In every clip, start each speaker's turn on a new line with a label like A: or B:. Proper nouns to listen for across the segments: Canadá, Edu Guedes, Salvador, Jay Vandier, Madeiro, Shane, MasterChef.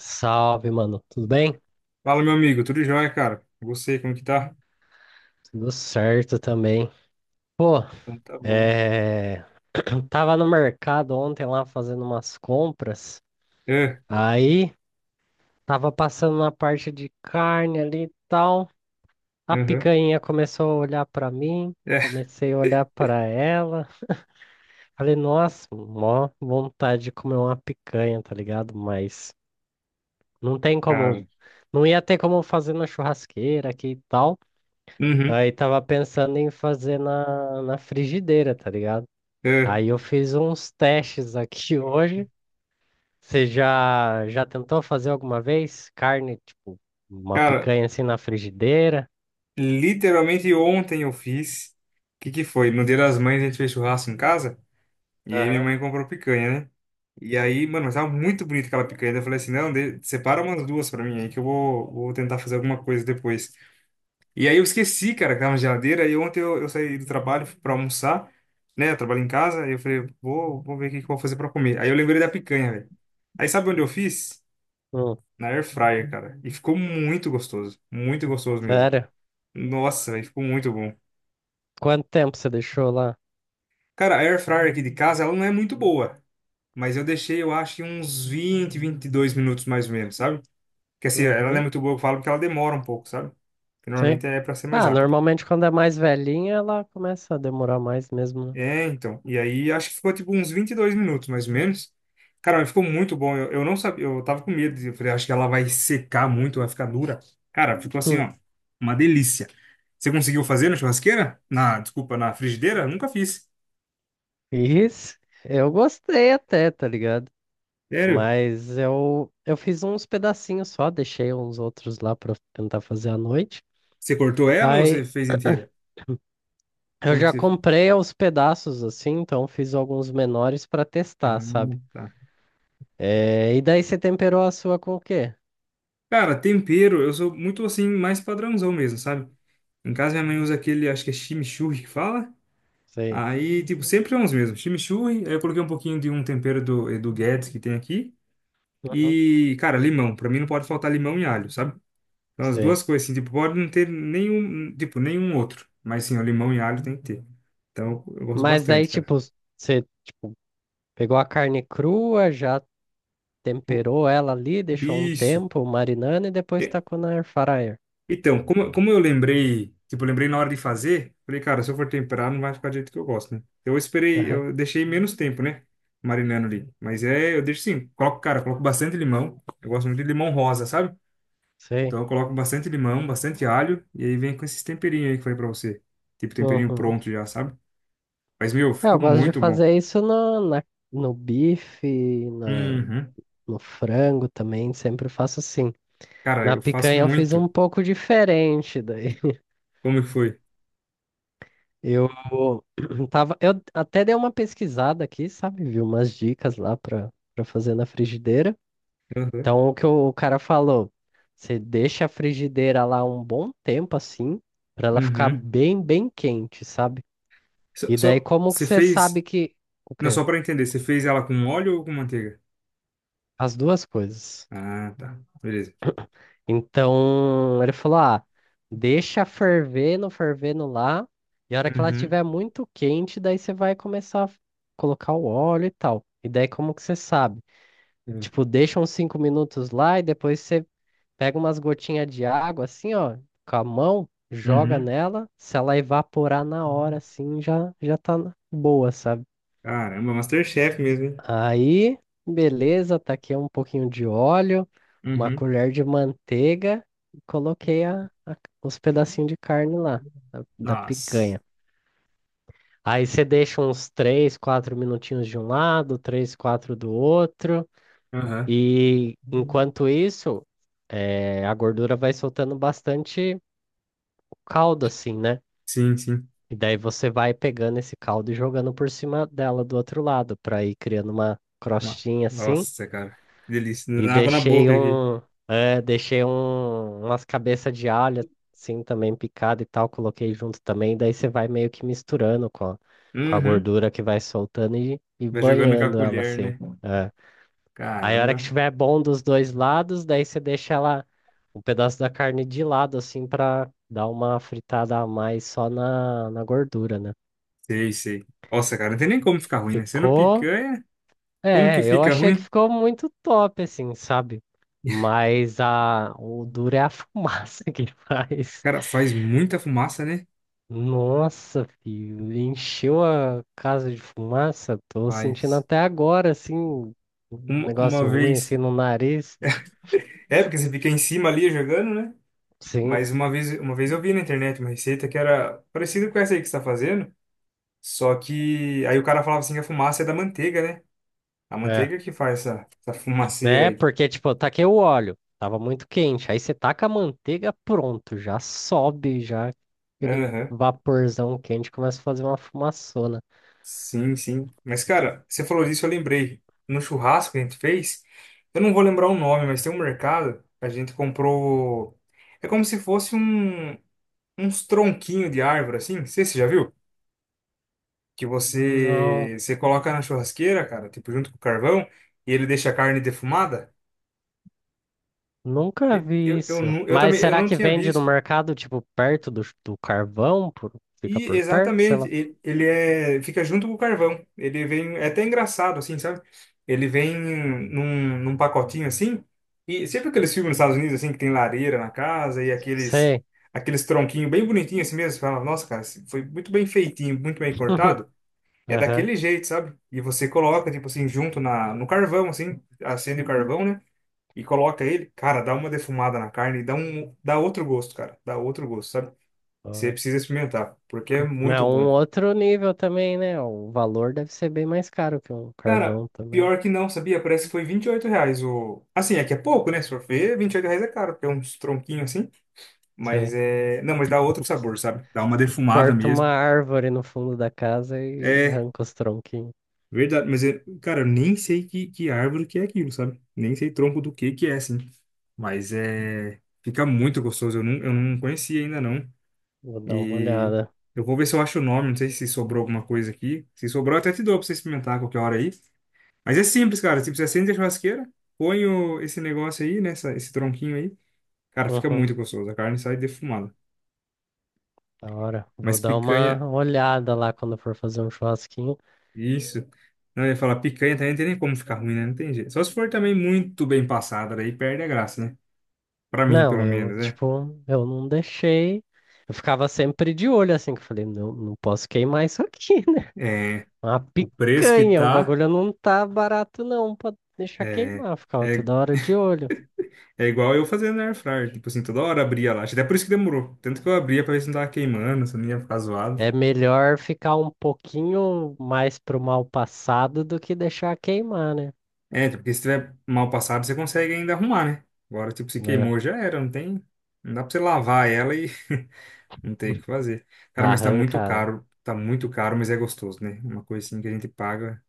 A: Salve, mano. Tudo bem?
B: Fala, meu amigo, tudo jóia, cara? Você, como que tá?
A: Tudo certo também. Pô,
B: Então tá bom.
A: é... tava no mercado ontem lá fazendo umas compras.
B: É,
A: Aí tava passando na parte de carne ali e tal. A
B: aham,
A: picanha começou a olhar pra mim.
B: é,
A: Comecei a olhar pra ela. Falei, nossa, mó vontade de comer uma picanha, tá ligado? Mas não tem como.
B: cara.
A: Não ia ter como fazer na churrasqueira aqui e tal.
B: Uhum,
A: Aí tava pensando em fazer na frigideira, tá ligado?
B: é.
A: Aí eu fiz uns testes aqui hoje. Você já tentou fazer alguma vez carne, tipo, uma
B: Cara,
A: picanha assim na frigideira?
B: literalmente ontem eu fiz. O que que foi? No Dia das Mães a gente fez churrasco em casa. E aí minha
A: Aham.
B: mãe comprou picanha, né? E aí, mano, mas tava muito bonita aquela picanha. Daí eu falei assim: não, separa umas duas pra mim aí que eu vou, tentar fazer alguma coisa depois. E aí eu esqueci, cara, que tava na geladeira. E ontem eu saí do trabalho, fui pra almoçar, né? Eu trabalho em casa. E eu falei, vou, ver o que que eu vou fazer pra comer. Aí eu lembrei da picanha, velho. Aí sabe onde eu fiz?
A: Hum,
B: Na air fryer, cara. E ficou muito gostoso. Muito gostoso mesmo.
A: Sério?
B: Nossa, velho, ficou muito bom.
A: Quanto tempo você deixou lá?
B: Cara, a air fryer aqui de casa, ela não é muito boa. Mas eu deixei, eu acho, em uns 20, 22 minutos mais ou menos, sabe? Que assim, ela não é
A: Uhum,
B: muito boa, eu falo, porque ela demora um pouco, sabe? Que
A: sim.
B: normalmente é pra ser mais
A: Ah,
B: rápido.
A: normalmente quando é mais velhinha, ela começa a demorar mais mesmo, né?
B: É, então. E aí acho que ficou tipo uns 22 minutos, mais ou menos. Cara, mas ficou muito bom. Eu não sabia, eu tava com medo. Eu falei, acho que ela vai secar muito, vai ficar dura. Cara, ficou assim,
A: Hum,
B: ó, uma delícia. Você conseguiu fazer na churrasqueira? Na, desculpa, na frigideira? Nunca fiz.
A: Isso, eu gostei até, tá ligado?
B: Sério?
A: Mas eu fiz uns pedacinhos só, deixei uns outros lá pra tentar fazer à noite.
B: Você cortou ela ou você
A: Aí
B: fez inteira?
A: eu
B: Como que
A: já
B: você?
A: comprei aos pedaços assim, então fiz alguns menores pra
B: Ah,
A: testar, sabe?
B: tá.
A: É, e daí você temperou a sua com o quê?
B: Cara, tempero, eu sou muito assim, mais padrãozão mesmo, sabe? Em casa minha mãe usa aquele, acho que é chimichurri que fala.
A: Sei.
B: Aí, tipo, sempre são os mesmos. Chimichurri, aí eu coloquei um pouquinho de um tempero do Edu Guedes que tem aqui.
A: Uhum.
B: E, cara, limão. Pra mim não pode faltar limão e alho, sabe? Então as
A: Sei.
B: duas coisas, assim, tipo, pode não ter nenhum, tipo, nenhum outro. Mas sim, o limão e alho tem que ter. Então eu gosto
A: Mas daí,
B: bastante, cara.
A: tipo, você pegou a carne crua, já
B: O-
A: temperou ela ali, deixou um
B: Isso.
A: tempo marinando e depois tacou na air fryer.
B: Então, como eu lembrei, tipo, eu lembrei na hora de fazer, falei, cara, se eu for temperar, não vai ficar do jeito que eu gosto, né? Então, eu esperei,
A: Aham.
B: eu deixei menos tempo, né? Marinando ali. Mas é, eu deixo sim, coloco, cara, coloco bastante limão. Eu gosto muito de limão rosa, sabe?
A: Sei.
B: Então eu coloco bastante limão, bastante alho, e aí vem com esses temperinhos aí que eu falei pra você. Tipo, temperinho
A: Uhum.
B: pronto já, sabe? Mas, meu,
A: É, eu
B: ficou
A: gosto de
B: muito bom.
A: fazer isso no bife,
B: Uhum.
A: no frango também, sempre faço assim.
B: Cara,
A: Na
B: eu faço
A: picanha eu fiz
B: muito.
A: um pouco diferente daí.
B: Como que foi?
A: Eu eu até dei uma pesquisada aqui, sabe? Vi umas dicas lá para fazer na frigideira.
B: Uhum.
A: Então, o que o cara falou, você deixa a frigideira lá um bom tempo assim, para ela ficar
B: Uhum.
A: bem, bem quente, sabe? E daí como que
B: Você
A: você
B: fez,
A: sabe que o
B: não,
A: quê?
B: só pra entender, você fez ela com óleo ou com manteiga?
A: As duas coisas.
B: Ah, tá. Beleza.
A: Então, ele falou: "Ah, deixa fervendo, fervendo lá, e a hora que ela
B: Uhum.
A: estiver muito quente, daí você vai começar a colocar o óleo e tal. E daí como que você sabe?
B: É.
A: Tipo, deixa uns 5 minutos lá e depois você pega umas gotinhas de água, assim, ó, com a mão, joga
B: Uhum.
A: nela. Se ela evaporar na hora,
B: Uhum.
A: assim, já tá boa, sabe?
B: Caramba, MasterChef mesmo, hein?
A: Aí, beleza, taquei um pouquinho de óleo, uma
B: Uhum.
A: colher de manteiga e coloquei os pedacinhos de carne lá, da
B: Nossa.
A: picanha. Aí você deixa uns 3, 4 minutinhos de um lado, três, quatro do outro.
B: Aham.
A: E enquanto isso, a gordura vai soltando bastante caldo, assim, né?
B: Sim, sim.
A: E daí você vai pegando esse caldo e jogando por cima dela do outro lado, para ir criando uma
B: No-
A: crostinha assim.
B: Nossa, cara. Que delícia.
A: E
B: Dá água na
A: deixei
B: boca aqui.
A: umas cabeças de alho, assim, também picada e tal, coloquei junto também. Daí você vai meio que misturando com a
B: Uhum.
A: gordura que vai soltando e
B: Vai jogando com a
A: banhando ela
B: colher,
A: assim.
B: né?
A: É. Aí a hora que
B: Caramba.
A: tiver bom dos dois lados, daí você deixa ela um pedaço da carne de lado, assim, pra dar uma fritada a mais só na gordura, né?
B: Sei, sei. Nossa, cara, não tem nem como ficar ruim, né? Sendo
A: Ficou.
B: picanha, como que
A: É, eu
B: fica
A: achei que
B: ruim?
A: ficou muito top, assim, sabe? Mas o duro é a fumaça que faz.
B: Cara, faz muita fumaça, né?
A: Nossa, filho, encheu a casa de fumaça. Tô sentindo
B: Faz.
A: até agora, assim, um
B: Uma
A: negócio ruim,
B: vez.
A: assim, no nariz.
B: É, porque você fica em cima ali jogando, né?
A: Sim.
B: Mas uma vez eu vi na internet uma receita que era parecida com essa aí que você está fazendo, só que aí o cara falava assim que a fumaça é da manteiga, né? A
A: É.
B: manteiga que faz essa fumaceira
A: Né?
B: aí.
A: Porque, tipo, eu taquei o óleo, tava muito quente. Aí você taca a manteiga, pronto, já sobe, já aquele
B: Aham.
A: vaporzão quente começa a fazer uma fumaçona.
B: Sim, sim. Mas, cara, você falou disso, eu lembrei. No churrasco que a gente fez, eu não vou lembrar o nome, mas tem um mercado, a gente comprou. É como se fosse uns tronquinhos de árvore, assim. Não sei se você já viu? Que
A: Não,
B: você coloca na churrasqueira, cara, tipo, junto com o carvão, e ele deixa a carne defumada.
A: nunca
B: Eu,
A: vi
B: eu, eu,
A: isso.
B: nu- eu
A: Mas
B: também eu
A: será
B: não
A: que
B: tinha
A: vende no
B: visto.
A: mercado, tipo, perto do carvão? Fica
B: E
A: por perto, sei
B: exatamente,
A: lá.
B: ele é, fica junto com o carvão. Ele vem, é até engraçado assim, sabe? Ele vem num pacotinho assim. E sempre aqueles filmes nos Estados Unidos assim que tem lareira na casa e aqueles
A: Sei.
B: aqueles tronquinhos bem bonitinhos assim mesmo, você fala, nossa, cara, esse foi muito bem feitinho, muito bem cortado. É
A: Aham.
B: daquele jeito, sabe? E você coloca tipo assim junto na no carvão assim, acende o carvão, né? E coloca ele, cara, dá uma defumada na carne e dá outro gosto, cara. Dá outro gosto, sabe? Você
A: Ó.
B: precisa experimentar, porque é
A: Mas é
B: muito bom.
A: um outro nível também, né? O valor deve ser bem mais caro que um
B: Cara,
A: carvão também.
B: pior que não, sabia? Parece que foi R$ 28 o. Assim, é que é pouco, né? Se for ver, R$ 28 é caro, porque é uns tronquinhos assim. Mas é. Não, mas dá outro sabor, sabe? Dá uma defumada
A: Corta uma
B: mesmo.
A: árvore no fundo da casa e
B: É,
A: arranca os tronquinhos.
B: verdade. Mas é, cara, eu nem sei que árvore que é aquilo, sabe? Nem sei tronco do que é, assim. Mas é. Fica muito gostoso. Eu não conhecia ainda, não.
A: Vou dar uma
B: E.
A: olhada.
B: Eu vou ver se eu acho o nome. Não sei se sobrou alguma coisa aqui. Se sobrou, eu até te dou pra você experimentar a qualquer hora aí. Mas é simples, cara. Tipo, você acende a churrasqueira, põe esse negócio aí, né? Esse tronquinho aí. Cara, fica
A: Uhum,
B: muito gostoso. A carne sai defumada.
A: da hora. Vou
B: Mas
A: dar
B: picanha,
A: uma olhada lá quando for fazer um churrasquinho.
B: isso. Não, eu ia falar, picanha também não tem nem como ficar ruim, né? Não tem jeito. Só se for também muito bem passada, daí perde a graça, né? Pra mim,
A: Não,
B: pelo
A: eu,
B: menos, né?
A: tipo, eu não deixei. Eu ficava sempre de olho, assim, que eu falei, não, não posso queimar isso aqui, né?
B: É,
A: Uma
B: o preço que
A: picanha, o
B: tá
A: bagulho não tá barato, não, pra deixar
B: é,
A: queimar. Eu ficava
B: é,
A: toda hora de olho.
B: é igual eu fazendo na air fryer. Tipo assim, toda hora abria lá. Acho que até por isso que demorou. Tanto que eu abria pra ver se não tava queimando, se não ia ficar
A: É
B: zoado.
A: melhor ficar um pouquinho mais pro mal passado do que deixar queimar, né?
B: É, tipo, porque se tiver mal passado, você consegue ainda arrumar, né? Agora, tipo, se
A: É.
B: queimou, já era, não tem. Não dá pra você lavar ela e não tem o que fazer. Cara, mas tá muito
A: Arranca.
B: caro. Tá muito caro, mas é gostoso, né? Uma coisa assim que a gente paga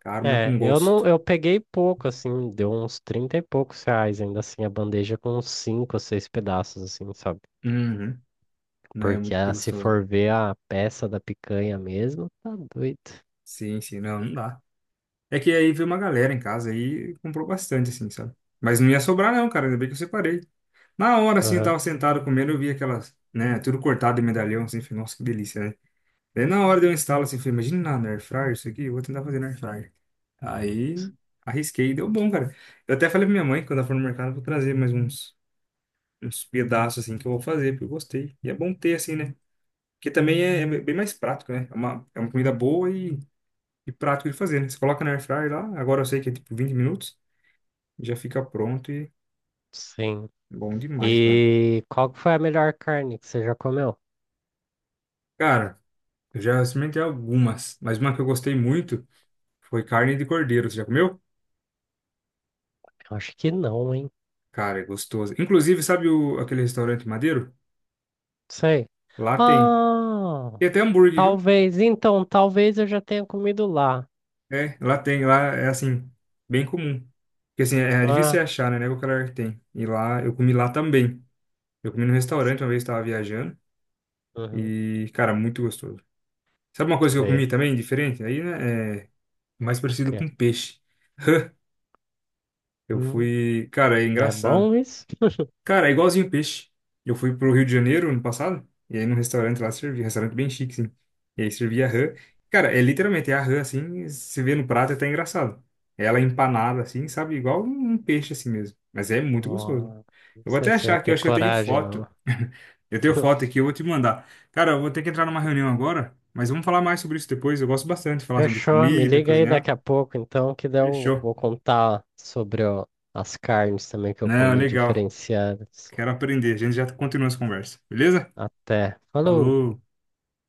B: caro, mas
A: É,
B: com
A: eu não,
B: gosto.
A: eu peguei pouco, assim, deu uns 30 e poucos reais, ainda assim, a bandeja com uns 5 ou 6 pedaços, assim, sabe?
B: Uhum. Não, é
A: Porque
B: muito
A: se
B: gostoso.
A: for ver a peça da picanha mesmo, tá doido.
B: Sim, sim, não, não dá. É que aí veio uma galera em casa e comprou bastante, assim, sabe? Mas não ia sobrar, não, cara. Ainda bem que eu separei. Na hora, assim, eu
A: Aham.
B: tava sentado comendo, eu vi aquelas, né? Tudo cortado em medalhão, assim, falei, nossa, que delícia, né? Daí na hora de eu instalar, assim, falei, imagina na Air Fryer isso aqui, eu vou tentar fazer na Air Fryer. Aí arrisquei, e deu bom, cara. Eu até falei pra minha mãe, quando ela for no mercado, eu vou trazer mais uns, pedaços, assim, que eu vou fazer, porque eu gostei. E é bom ter, assim, né? Porque também é bem mais prático, né? É uma comida boa e prático de fazer, né? Você coloca na Air Fryer lá, agora eu sei que é tipo 20 minutos, já fica pronto e
A: Sim.
B: bom demais, cara.
A: E qual que foi a melhor carne que você já comeu?
B: Cara, eu já experimentei algumas, mas uma que eu gostei muito foi carne de cordeiro. Você já comeu?
A: Eu acho que não, hein?
B: Cara, é gostoso. Inclusive, sabe aquele restaurante Madeiro?
A: Sei.
B: Lá tem.
A: Ah,
B: Tem até hambúrguer, viu?
A: talvez, então, talvez eu já tenha comido lá.
B: É, lá tem. Lá é assim, bem comum. Porque assim, é difícil você
A: Ah,
B: achar, né? Não é qualquer lugar que tem. E lá, eu comi lá também. Eu comi no restaurante uma vez, estava viajando.
A: uhum,
B: E, cara, muito gostoso. Sabe uma coisa que eu comi
A: sei.
B: também, diferente? Aí, né? É mais
A: O
B: parecido
A: quê?
B: com peixe. Eu
A: Hum,
B: fui. Cara, é
A: é
B: engraçado.
A: bom isso?
B: Cara, é igualzinho peixe. Eu fui pro Rio de Janeiro ano passado, e aí num restaurante lá servia, restaurante bem chique, sim. E aí servia rã. Cara, é literalmente é a rã, assim, você vê no prato é até engraçado. É ela empanada, assim, sabe? Igual um peixe, assim mesmo. Mas é muito gostoso.
A: Ó, não
B: Eu vou
A: sei
B: até
A: se eu
B: achar
A: ia
B: aqui, eu
A: ter
B: acho que eu tenho
A: coragem, não.
B: foto. Eu tenho foto aqui, eu vou te mandar. Cara, eu vou ter que entrar numa reunião agora, mas vamos falar mais sobre isso depois. Eu gosto bastante de falar sobre
A: Fechou, me
B: comida,
A: liga aí daqui
B: cozinhar.
A: a pouco, então, que daí eu
B: Fechou.
A: vou contar sobre ó, as carnes também que eu
B: Não,
A: comi
B: legal.
A: diferenciadas.
B: Quero aprender. A gente já continua essa conversa, beleza?
A: Até. Falou!
B: Falou.